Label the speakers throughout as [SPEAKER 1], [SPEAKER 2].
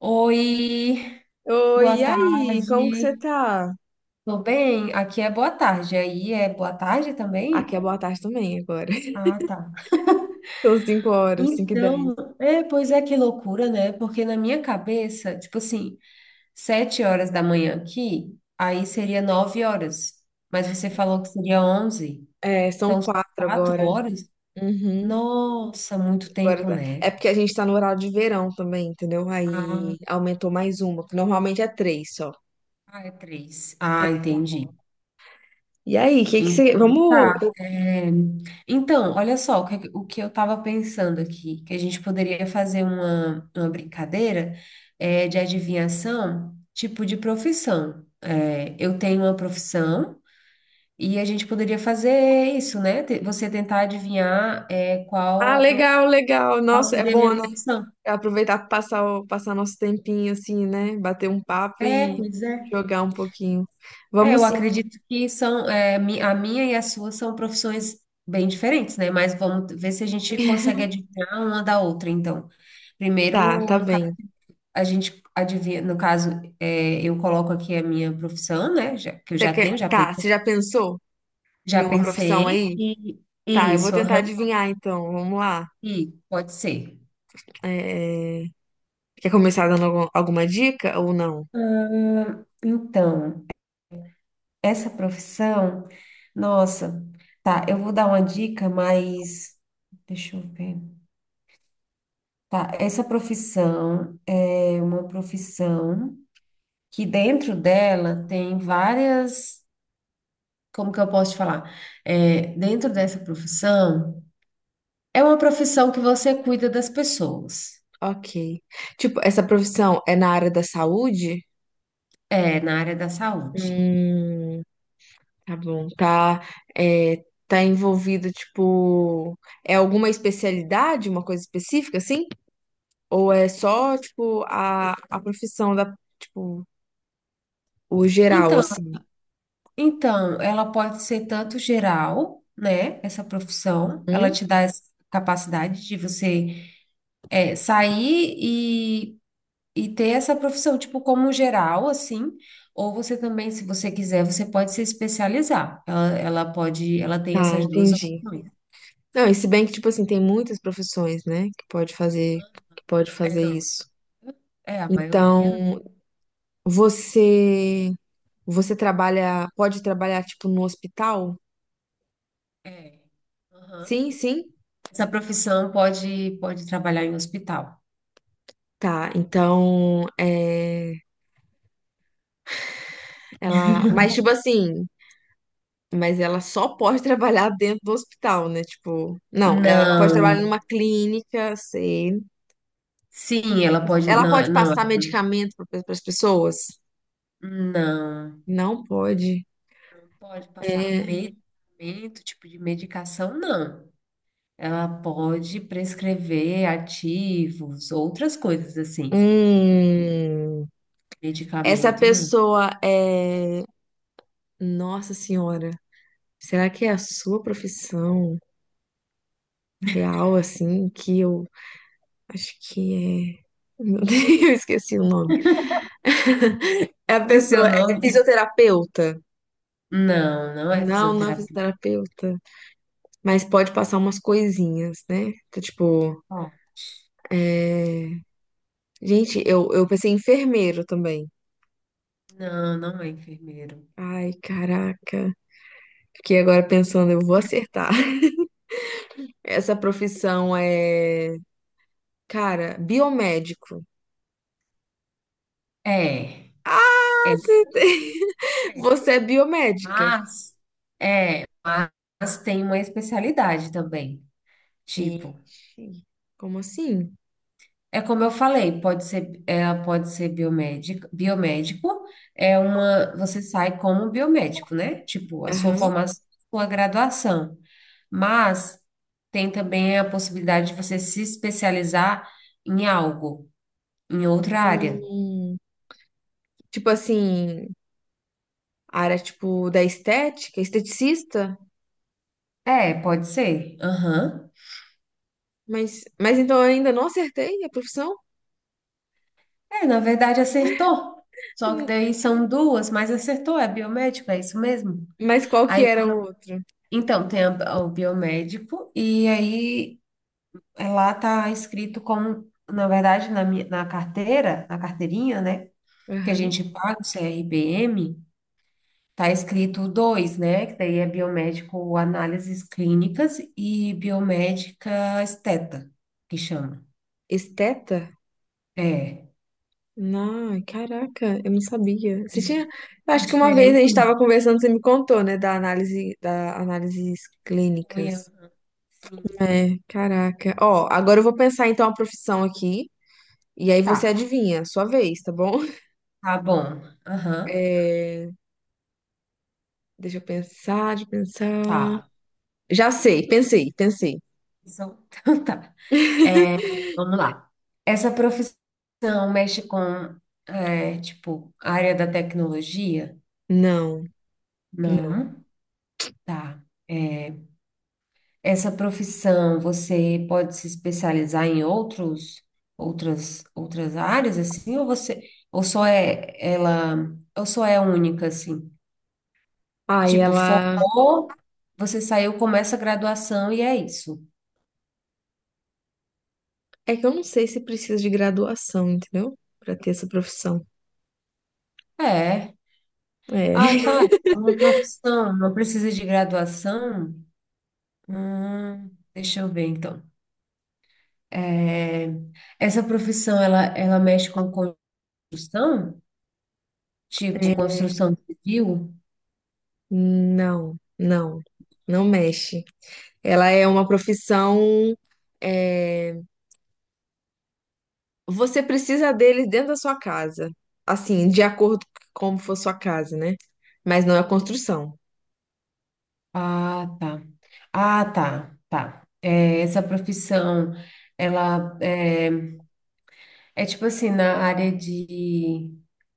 [SPEAKER 1] Oi, boa
[SPEAKER 2] Oi, e aí? Como que você
[SPEAKER 1] tarde.
[SPEAKER 2] tá?
[SPEAKER 1] Tô bem? Aqui é boa tarde. Aí é boa tarde também?
[SPEAKER 2] Aqui é boa tarde também agora.
[SPEAKER 1] Ah, tá.
[SPEAKER 2] São 5 horas, 5 e 10.
[SPEAKER 1] Então, é, pois é, que loucura, né? Porque na minha cabeça, tipo assim, sete horas da manhã aqui, aí seria nove horas. Mas você falou que seria onze.
[SPEAKER 2] É, são
[SPEAKER 1] Então, são
[SPEAKER 2] 4
[SPEAKER 1] quatro
[SPEAKER 2] agora.
[SPEAKER 1] horas?
[SPEAKER 2] Uhum.
[SPEAKER 1] Nossa, muito tempo, né?
[SPEAKER 2] É porque a gente tá no horário de verão também, entendeu? Aí
[SPEAKER 1] Ah,
[SPEAKER 2] aumentou mais uma, que normalmente é três só.
[SPEAKER 1] ah, é três. Ah, entendi.
[SPEAKER 2] E aí, o que que você...
[SPEAKER 1] Então,
[SPEAKER 2] Vamos...
[SPEAKER 1] tá. É, então, olha só, o que eu estava pensando aqui, que a gente poderia fazer uma brincadeira é, de adivinhação, tipo de profissão. É, eu tenho uma profissão e a gente poderia fazer isso, né? Você tentar adivinhar é,
[SPEAKER 2] Ah, legal, legal.
[SPEAKER 1] qual
[SPEAKER 2] Nossa, é
[SPEAKER 1] seria a
[SPEAKER 2] bom,
[SPEAKER 1] minha
[SPEAKER 2] né?
[SPEAKER 1] profissão.
[SPEAKER 2] Aproveitar pra passar, passar nosso tempinho assim, né? Bater um papo
[SPEAKER 1] É,
[SPEAKER 2] e
[SPEAKER 1] pois é.
[SPEAKER 2] jogar um pouquinho.
[SPEAKER 1] É,
[SPEAKER 2] Vamos
[SPEAKER 1] eu
[SPEAKER 2] sim.
[SPEAKER 1] acredito que são, é, a minha e a sua são profissões bem diferentes, né? Mas vamos ver se a gente consegue adivinhar uma da outra, então.
[SPEAKER 2] Tá,
[SPEAKER 1] Primeiro,
[SPEAKER 2] tá
[SPEAKER 1] no caso,
[SPEAKER 2] bem.
[SPEAKER 1] a gente adivinha, no caso, é, eu coloco aqui a minha profissão, né? Que eu
[SPEAKER 2] Você
[SPEAKER 1] já
[SPEAKER 2] quer...
[SPEAKER 1] tenho, já
[SPEAKER 2] Tá, você
[SPEAKER 1] pensei.
[SPEAKER 2] já pensou?
[SPEAKER 1] Já
[SPEAKER 2] Nenhuma profissão
[SPEAKER 1] pensei,
[SPEAKER 2] aí?
[SPEAKER 1] e
[SPEAKER 2] Tá,
[SPEAKER 1] e
[SPEAKER 2] eu vou
[SPEAKER 1] isso,
[SPEAKER 2] tentar
[SPEAKER 1] aham,
[SPEAKER 2] adivinhar então. Vamos lá.
[SPEAKER 1] e pode ser.
[SPEAKER 2] É, quer começar dando alguma dica ou não?
[SPEAKER 1] Ah, então, essa profissão, nossa, tá, eu vou dar uma dica, mas deixa eu ver. Tá, essa profissão é uma profissão que dentro dela tem várias, como que eu posso te falar? É, dentro dessa profissão, é uma profissão que você cuida das pessoas,
[SPEAKER 2] Ok. Tipo, essa profissão é na área da saúde?
[SPEAKER 1] é, na área da saúde.
[SPEAKER 2] Hum, tá bom. Tá, é, tá envolvida, tipo, é alguma especialidade, uma coisa específica, assim? Ou é só, tipo, a profissão da, tipo, o geral,
[SPEAKER 1] Então,
[SPEAKER 2] assim?
[SPEAKER 1] então, ela pode ser tanto geral, né? Essa profissão, ela
[SPEAKER 2] Hum?
[SPEAKER 1] te dá essa capacidade de você, é, sair e ter essa profissão, tipo, como geral, assim, ou você também, se você quiser, você pode se especializar. Ela pode, ela tem
[SPEAKER 2] Tá,
[SPEAKER 1] essas duas
[SPEAKER 2] entendi.
[SPEAKER 1] opções.
[SPEAKER 2] Não, e se bem que, tipo assim, tem muitas profissões, né, que pode fazer,
[SPEAKER 1] É, não.
[SPEAKER 2] isso.
[SPEAKER 1] É, a maioria, né?
[SPEAKER 2] Então, você, você trabalha, pode trabalhar, tipo, no hospital?
[SPEAKER 1] É. Aham.
[SPEAKER 2] Sim, sim.
[SPEAKER 1] Essa profissão pode trabalhar em hospital.
[SPEAKER 2] Tá, então, é, ela, mas, tipo assim, mas ela só pode trabalhar dentro do hospital, né, tipo, não, ela pode trabalhar
[SPEAKER 1] Não.
[SPEAKER 2] numa clínica, sei.
[SPEAKER 1] Sim, ela pode,
[SPEAKER 2] Ela pode passar medicamento para as pessoas?
[SPEAKER 1] não.
[SPEAKER 2] Não pode.
[SPEAKER 1] Pode passar
[SPEAKER 2] É,
[SPEAKER 1] medicamento, tipo de medicação, não. Ela pode prescrever ativos, outras coisas assim.
[SPEAKER 2] hum... Essa
[SPEAKER 1] Medicamento, não.
[SPEAKER 2] pessoa é. Nossa Senhora, será que é a sua profissão real, assim? Que eu acho que é. Meu Deus, eu esqueci o nome. É a
[SPEAKER 1] Esqueceu o
[SPEAKER 2] pessoa, é
[SPEAKER 1] nome?
[SPEAKER 2] fisioterapeuta.
[SPEAKER 1] Não, não é
[SPEAKER 2] Não, não é
[SPEAKER 1] fisioterapia.
[SPEAKER 2] fisioterapeuta. Mas pode passar umas coisinhas, né? Então, tipo,
[SPEAKER 1] Ó,
[SPEAKER 2] é... Gente, eu pensei em enfermeiro também.
[SPEAKER 1] não, não é enfermeiro.
[SPEAKER 2] Ai, caraca. Fiquei agora pensando, eu vou acertar. Essa profissão é, cara, biomédico.
[SPEAKER 1] É,
[SPEAKER 2] Ah,
[SPEAKER 1] é,
[SPEAKER 2] você tem-
[SPEAKER 1] é.
[SPEAKER 2] você é biomédica.
[SPEAKER 1] Mas é, mas tem uma especialidade também. Tipo,
[SPEAKER 2] Ixi, como assim?
[SPEAKER 1] é como eu falei, pode ser, ela pode ser biomédica, biomédico é uma, você sai como biomédico, né? Tipo, a sua
[SPEAKER 2] Aham.
[SPEAKER 1] formação, sua graduação. Mas tem também a possibilidade de você se especializar em algo. Em outra área.
[SPEAKER 2] Hum, tipo assim, a área tipo da estética, esteticista?
[SPEAKER 1] É, pode ser. Aham.
[SPEAKER 2] Mas, então eu ainda não acertei a profissão?
[SPEAKER 1] É, na verdade acertou. Só que
[SPEAKER 2] Hum,
[SPEAKER 1] daí são duas, mas acertou, é biomédico, é isso mesmo?
[SPEAKER 2] Mas qual que
[SPEAKER 1] Aí,
[SPEAKER 2] era o outro?
[SPEAKER 1] então, tem o biomédico, e aí é, lá tá escrito como, na verdade, na carteira, na carteirinha, né? Que a
[SPEAKER 2] Aham.
[SPEAKER 1] gente paga o CRBM, tá escrito dois, né? Que daí é biomédico análises clínicas e biomédica esteta, que chama.
[SPEAKER 2] Esteta?
[SPEAKER 1] É.
[SPEAKER 2] Não, caraca, eu não sabia. Você tinha, eu
[SPEAKER 1] É
[SPEAKER 2] acho que uma vez a gente
[SPEAKER 1] diferente, né?
[SPEAKER 2] estava conversando, você me contou, né, da análise, da análises
[SPEAKER 1] Olha,
[SPEAKER 2] clínicas.
[SPEAKER 1] sim.
[SPEAKER 2] É, caraca. Ó, agora eu vou pensar então a profissão aqui. E aí
[SPEAKER 1] Tá,
[SPEAKER 2] você adivinha, sua vez, tá bom?
[SPEAKER 1] tá bom. Aham,
[SPEAKER 2] É, deixa eu pensar, deixa eu pensar.
[SPEAKER 1] tá.
[SPEAKER 2] Já sei, pensei, pensei.
[SPEAKER 1] Então, então tá. Vamos lá. Essa profissão mexe com, é, tipo, a área da tecnologia?
[SPEAKER 2] Não.
[SPEAKER 1] Não, tá. É, essa profissão você pode se especializar em outros, outras áreas, assim, ou você, ou só é ela, ou só é única, assim?
[SPEAKER 2] Ai,
[SPEAKER 1] Tipo,
[SPEAKER 2] ela.
[SPEAKER 1] focou, você saiu, começa a graduação e é isso.
[SPEAKER 2] É que eu não sei se precisa de graduação, entendeu? Pra ter essa profissão.
[SPEAKER 1] É.
[SPEAKER 2] É.
[SPEAKER 1] Ah, tá. Uma profissão não precisa de graduação? Deixa eu ver, então. É, essa profissão, ela mexe com construção? Tipo,
[SPEAKER 2] É.
[SPEAKER 1] construção civil?
[SPEAKER 2] Não, não. Não mexe. Ela é uma profissão. É, você precisa deles dentro da sua casa. Assim, de acordo com como for sua casa, né? Mas não é construção.
[SPEAKER 1] Ah, tá. Ah, tá. É, essa profissão, ela é, é tipo assim, na área de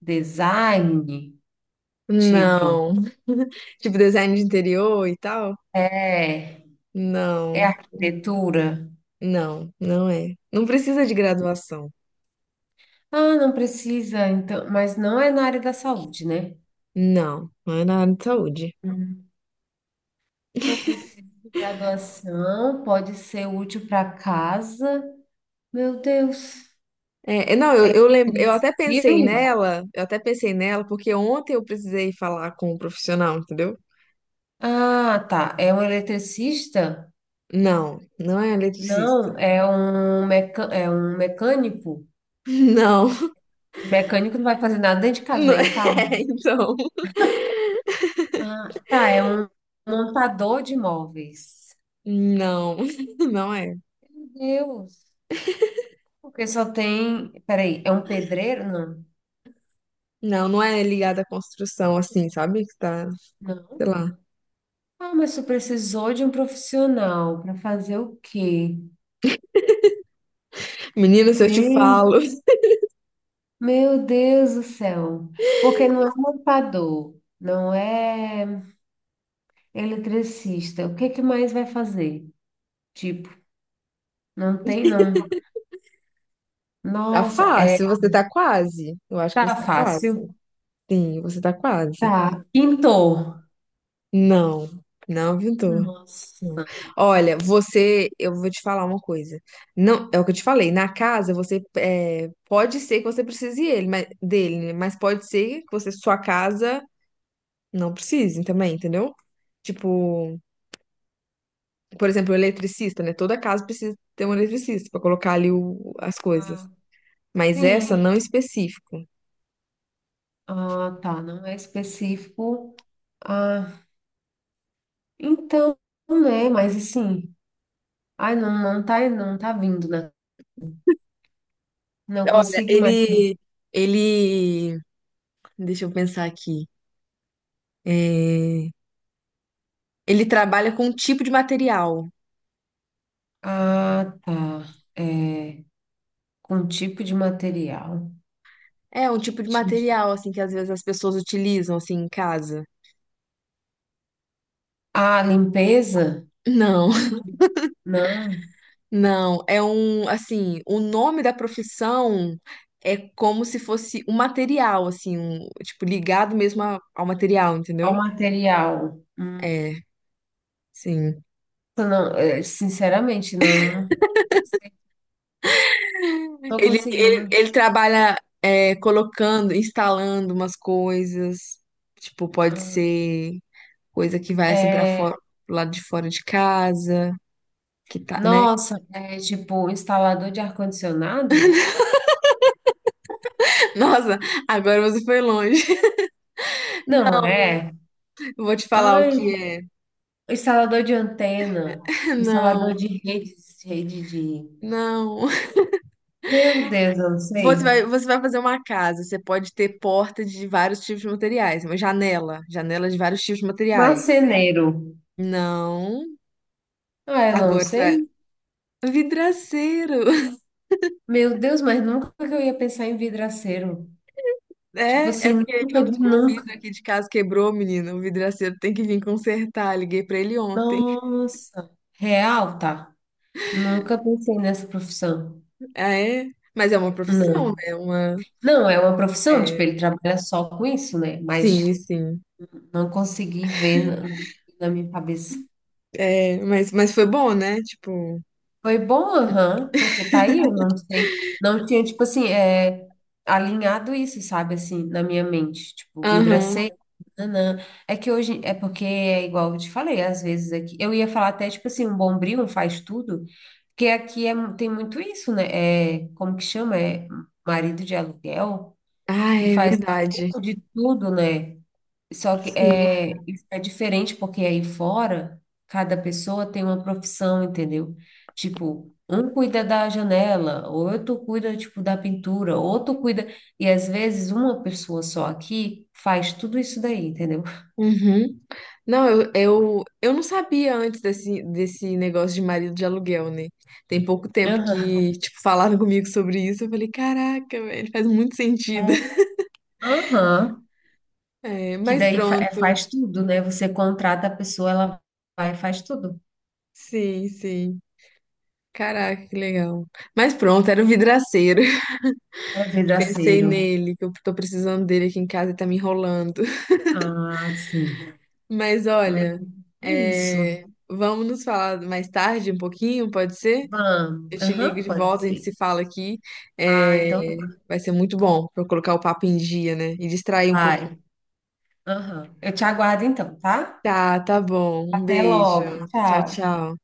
[SPEAKER 1] design, tipo,
[SPEAKER 2] Não. Tipo design de interior e tal?
[SPEAKER 1] é, é
[SPEAKER 2] Não,
[SPEAKER 1] arquitetura.
[SPEAKER 2] não, não é. Não precisa de graduação.
[SPEAKER 1] Ah, não precisa, então, mas não é na área da saúde, né?
[SPEAKER 2] Não, não é na área de saúde.
[SPEAKER 1] Hum. Não precisa de graduação, pode ser útil para casa. Meu Deus.
[SPEAKER 2] É, é, não, eu
[SPEAKER 1] Ele
[SPEAKER 2] até pensei
[SPEAKER 1] viu?
[SPEAKER 2] nela, eu até pensei nela, porque ontem eu precisei falar com um profissional, entendeu?
[SPEAKER 1] Ah, tá. É um eletricista?
[SPEAKER 2] Não, não é eletricista.
[SPEAKER 1] Não, é um, é um mecânico.
[SPEAKER 2] Não,
[SPEAKER 1] Mecânico não vai fazer nada dentro de casa,
[SPEAKER 2] não é,
[SPEAKER 1] nem em carro.
[SPEAKER 2] então.
[SPEAKER 1] Ah, tá. É um montador de móveis.
[SPEAKER 2] Não, não é.
[SPEAKER 1] Meu Deus. Porque só tem. Peraí, é um pedreiro? Não.
[SPEAKER 2] Não, não é ligada à construção, assim, sabe? Que tá, sei lá.
[SPEAKER 1] Ah, mas tu precisou de um profissional para fazer o quê?
[SPEAKER 2] Menina, se eu te
[SPEAKER 1] Gente,
[SPEAKER 2] falo.
[SPEAKER 1] meu Deus do céu. Porque não é montador, não é eletricista. O que que mais vai fazer? Tipo, não tem, não.
[SPEAKER 2] Tá
[SPEAKER 1] Nossa, é,
[SPEAKER 2] fácil, você tá quase. Eu acho que você
[SPEAKER 1] tá
[SPEAKER 2] tá quase.
[SPEAKER 1] fácil.
[SPEAKER 2] Sim, você tá quase.
[SPEAKER 1] Tá. Pintor.
[SPEAKER 2] Não, não, Vitor. Não.
[SPEAKER 1] Nossa.
[SPEAKER 2] Olha, você, eu vou te falar uma coisa. Não, é o que eu te falei. Na casa, você é, pode ser que você precise ele, dele, né? Mas pode ser que você, sua casa não precise também, entendeu? Tipo, por exemplo, o eletricista, né? Toda casa precisa ter um eletricista pra colocar ali as coisas.
[SPEAKER 1] Ah,
[SPEAKER 2] Mas essa
[SPEAKER 1] sim.
[SPEAKER 2] não específico.
[SPEAKER 1] Ah, tá. Não é específico. Ah, então, né? Mas assim, ai, não tá, não tá vindo, né? Não
[SPEAKER 2] Olha,
[SPEAKER 1] consigo mais.
[SPEAKER 2] ele deixa eu pensar aqui. É, ele trabalha com um tipo de material.
[SPEAKER 1] Ah, tá. É, com um tipo de material.
[SPEAKER 2] É, um tipo de
[SPEAKER 1] Ti-
[SPEAKER 2] material, assim, que às vezes as pessoas utilizam, assim, em casa.
[SPEAKER 1] Ah, limpeza?
[SPEAKER 2] Não,
[SPEAKER 1] Não.
[SPEAKER 2] não. É um, assim, o nome da profissão é como se fosse um material, assim, um, tipo, ligado mesmo ao material,
[SPEAKER 1] Qual
[SPEAKER 2] entendeu?
[SPEAKER 1] material?
[SPEAKER 2] É, sim.
[SPEAKER 1] Não, é, sinceramente, não estou
[SPEAKER 2] Ele, ele,
[SPEAKER 1] conseguindo.
[SPEAKER 2] ele trabalha, é, colocando, instalando umas coisas. Tipo, pode
[SPEAKER 1] Ah,
[SPEAKER 2] ser. Coisa que vai assim para fora,
[SPEAKER 1] é,
[SPEAKER 2] pro lado de fora de casa, que tá, né?
[SPEAKER 1] nossa, é tipo um instalador de ar-condicionado?
[SPEAKER 2] Nossa, agora você foi longe.
[SPEAKER 1] Não é.
[SPEAKER 2] Eu vou te falar o que
[SPEAKER 1] Ai,
[SPEAKER 2] é.
[SPEAKER 1] instalador de antena,
[SPEAKER 2] Não,
[SPEAKER 1] instalador de redes. Rede de.
[SPEAKER 2] não.
[SPEAKER 1] Meu Deus, eu não
[SPEAKER 2] Você vai,
[SPEAKER 1] sei.
[SPEAKER 2] você vai fazer uma casa, você pode ter porta de vários tipos de materiais, uma janela, janela de vários tipos de materiais.
[SPEAKER 1] Marceneiro.
[SPEAKER 2] Não.
[SPEAKER 1] Ah, eu não
[SPEAKER 2] Agora você
[SPEAKER 1] sei.
[SPEAKER 2] vai. Vidraceiro!
[SPEAKER 1] Meu Deus, mas nunca que eu ia pensar em vidraceiro. Tipo
[SPEAKER 2] É, é
[SPEAKER 1] assim,
[SPEAKER 2] porque
[SPEAKER 1] nunca de
[SPEAKER 2] o
[SPEAKER 1] nunca.
[SPEAKER 2] vidro aqui de casa quebrou, menina. O vidraceiro tem que vir consertar. Liguei pra ele ontem.
[SPEAKER 1] Nossa, real, tá? Nunca pensei nessa profissão.
[SPEAKER 2] Ah, é? Mas é uma profissão,
[SPEAKER 1] Não.
[SPEAKER 2] né? Uma.
[SPEAKER 1] Não, é uma profissão, tipo,
[SPEAKER 2] É,
[SPEAKER 1] ele trabalha só com isso, né?
[SPEAKER 2] sim,
[SPEAKER 1] Mas
[SPEAKER 2] sim.
[SPEAKER 1] não consegui ver na minha cabeça.
[SPEAKER 2] É, mas, foi bom, né? Tipo,
[SPEAKER 1] Foi bom, aham, porque tá aí, eu não sei, não tinha, tipo assim, é, alinhado isso, sabe, assim, na minha mente, tipo,
[SPEAKER 2] aham.
[SPEAKER 1] vidraceiro, nanã. É que hoje, é porque é igual eu te falei, às vezes aqui, eu ia falar até, tipo assim, um bombril, um faz tudo, porque aqui é, tem muito isso, né, é, como que chama, é marido de aluguel,
[SPEAKER 2] Ah,
[SPEAKER 1] que
[SPEAKER 2] é
[SPEAKER 1] faz um
[SPEAKER 2] verdade.
[SPEAKER 1] pouco de tudo, né, só que
[SPEAKER 2] Sim.
[SPEAKER 1] é, isso é diferente porque aí fora, cada pessoa tem uma profissão, entendeu? Tipo, um cuida da janela, outro cuida, tipo, da pintura, outro cuida... E às vezes uma pessoa só aqui faz tudo isso daí, entendeu?
[SPEAKER 2] Uhum. Não, eu não sabia antes desse, desse negócio de marido de aluguel, né? Tem pouco tempo
[SPEAKER 1] Aham.
[SPEAKER 2] que, tipo, falaram comigo sobre isso. Eu falei, caraca, velho, faz muito sentido.
[SPEAKER 1] É, aham.
[SPEAKER 2] É,
[SPEAKER 1] Que
[SPEAKER 2] mas
[SPEAKER 1] daí é,
[SPEAKER 2] pronto.
[SPEAKER 1] faz tudo, né? Você contrata a pessoa, ela vai e faz tudo.
[SPEAKER 2] Sim, sim. Caraca, que legal. Mas pronto, era o vidraceiro.
[SPEAKER 1] É
[SPEAKER 2] Pensei
[SPEAKER 1] vidraceiro.
[SPEAKER 2] nele, que eu tô precisando dele aqui em casa e tá me enrolando.
[SPEAKER 1] Ah, sim.
[SPEAKER 2] Mas
[SPEAKER 1] Mas
[SPEAKER 2] olha,
[SPEAKER 1] é isso.
[SPEAKER 2] é, vamos nos falar mais tarde um pouquinho, pode ser?
[SPEAKER 1] Vamos.
[SPEAKER 2] Eu te ligo
[SPEAKER 1] Aham,
[SPEAKER 2] de
[SPEAKER 1] pode
[SPEAKER 2] volta, a gente
[SPEAKER 1] ser.
[SPEAKER 2] se fala aqui.
[SPEAKER 1] Ah, então
[SPEAKER 2] É, vai ser muito bom para eu colocar o papo em dia, né? E distrair um
[SPEAKER 1] vai.
[SPEAKER 2] pouquinho.
[SPEAKER 1] Aham. Eu te aguardo então, tá?
[SPEAKER 2] Tá, tá bom. Um
[SPEAKER 1] Até logo.
[SPEAKER 2] beijo. Tchau,
[SPEAKER 1] Tchau.
[SPEAKER 2] tchau.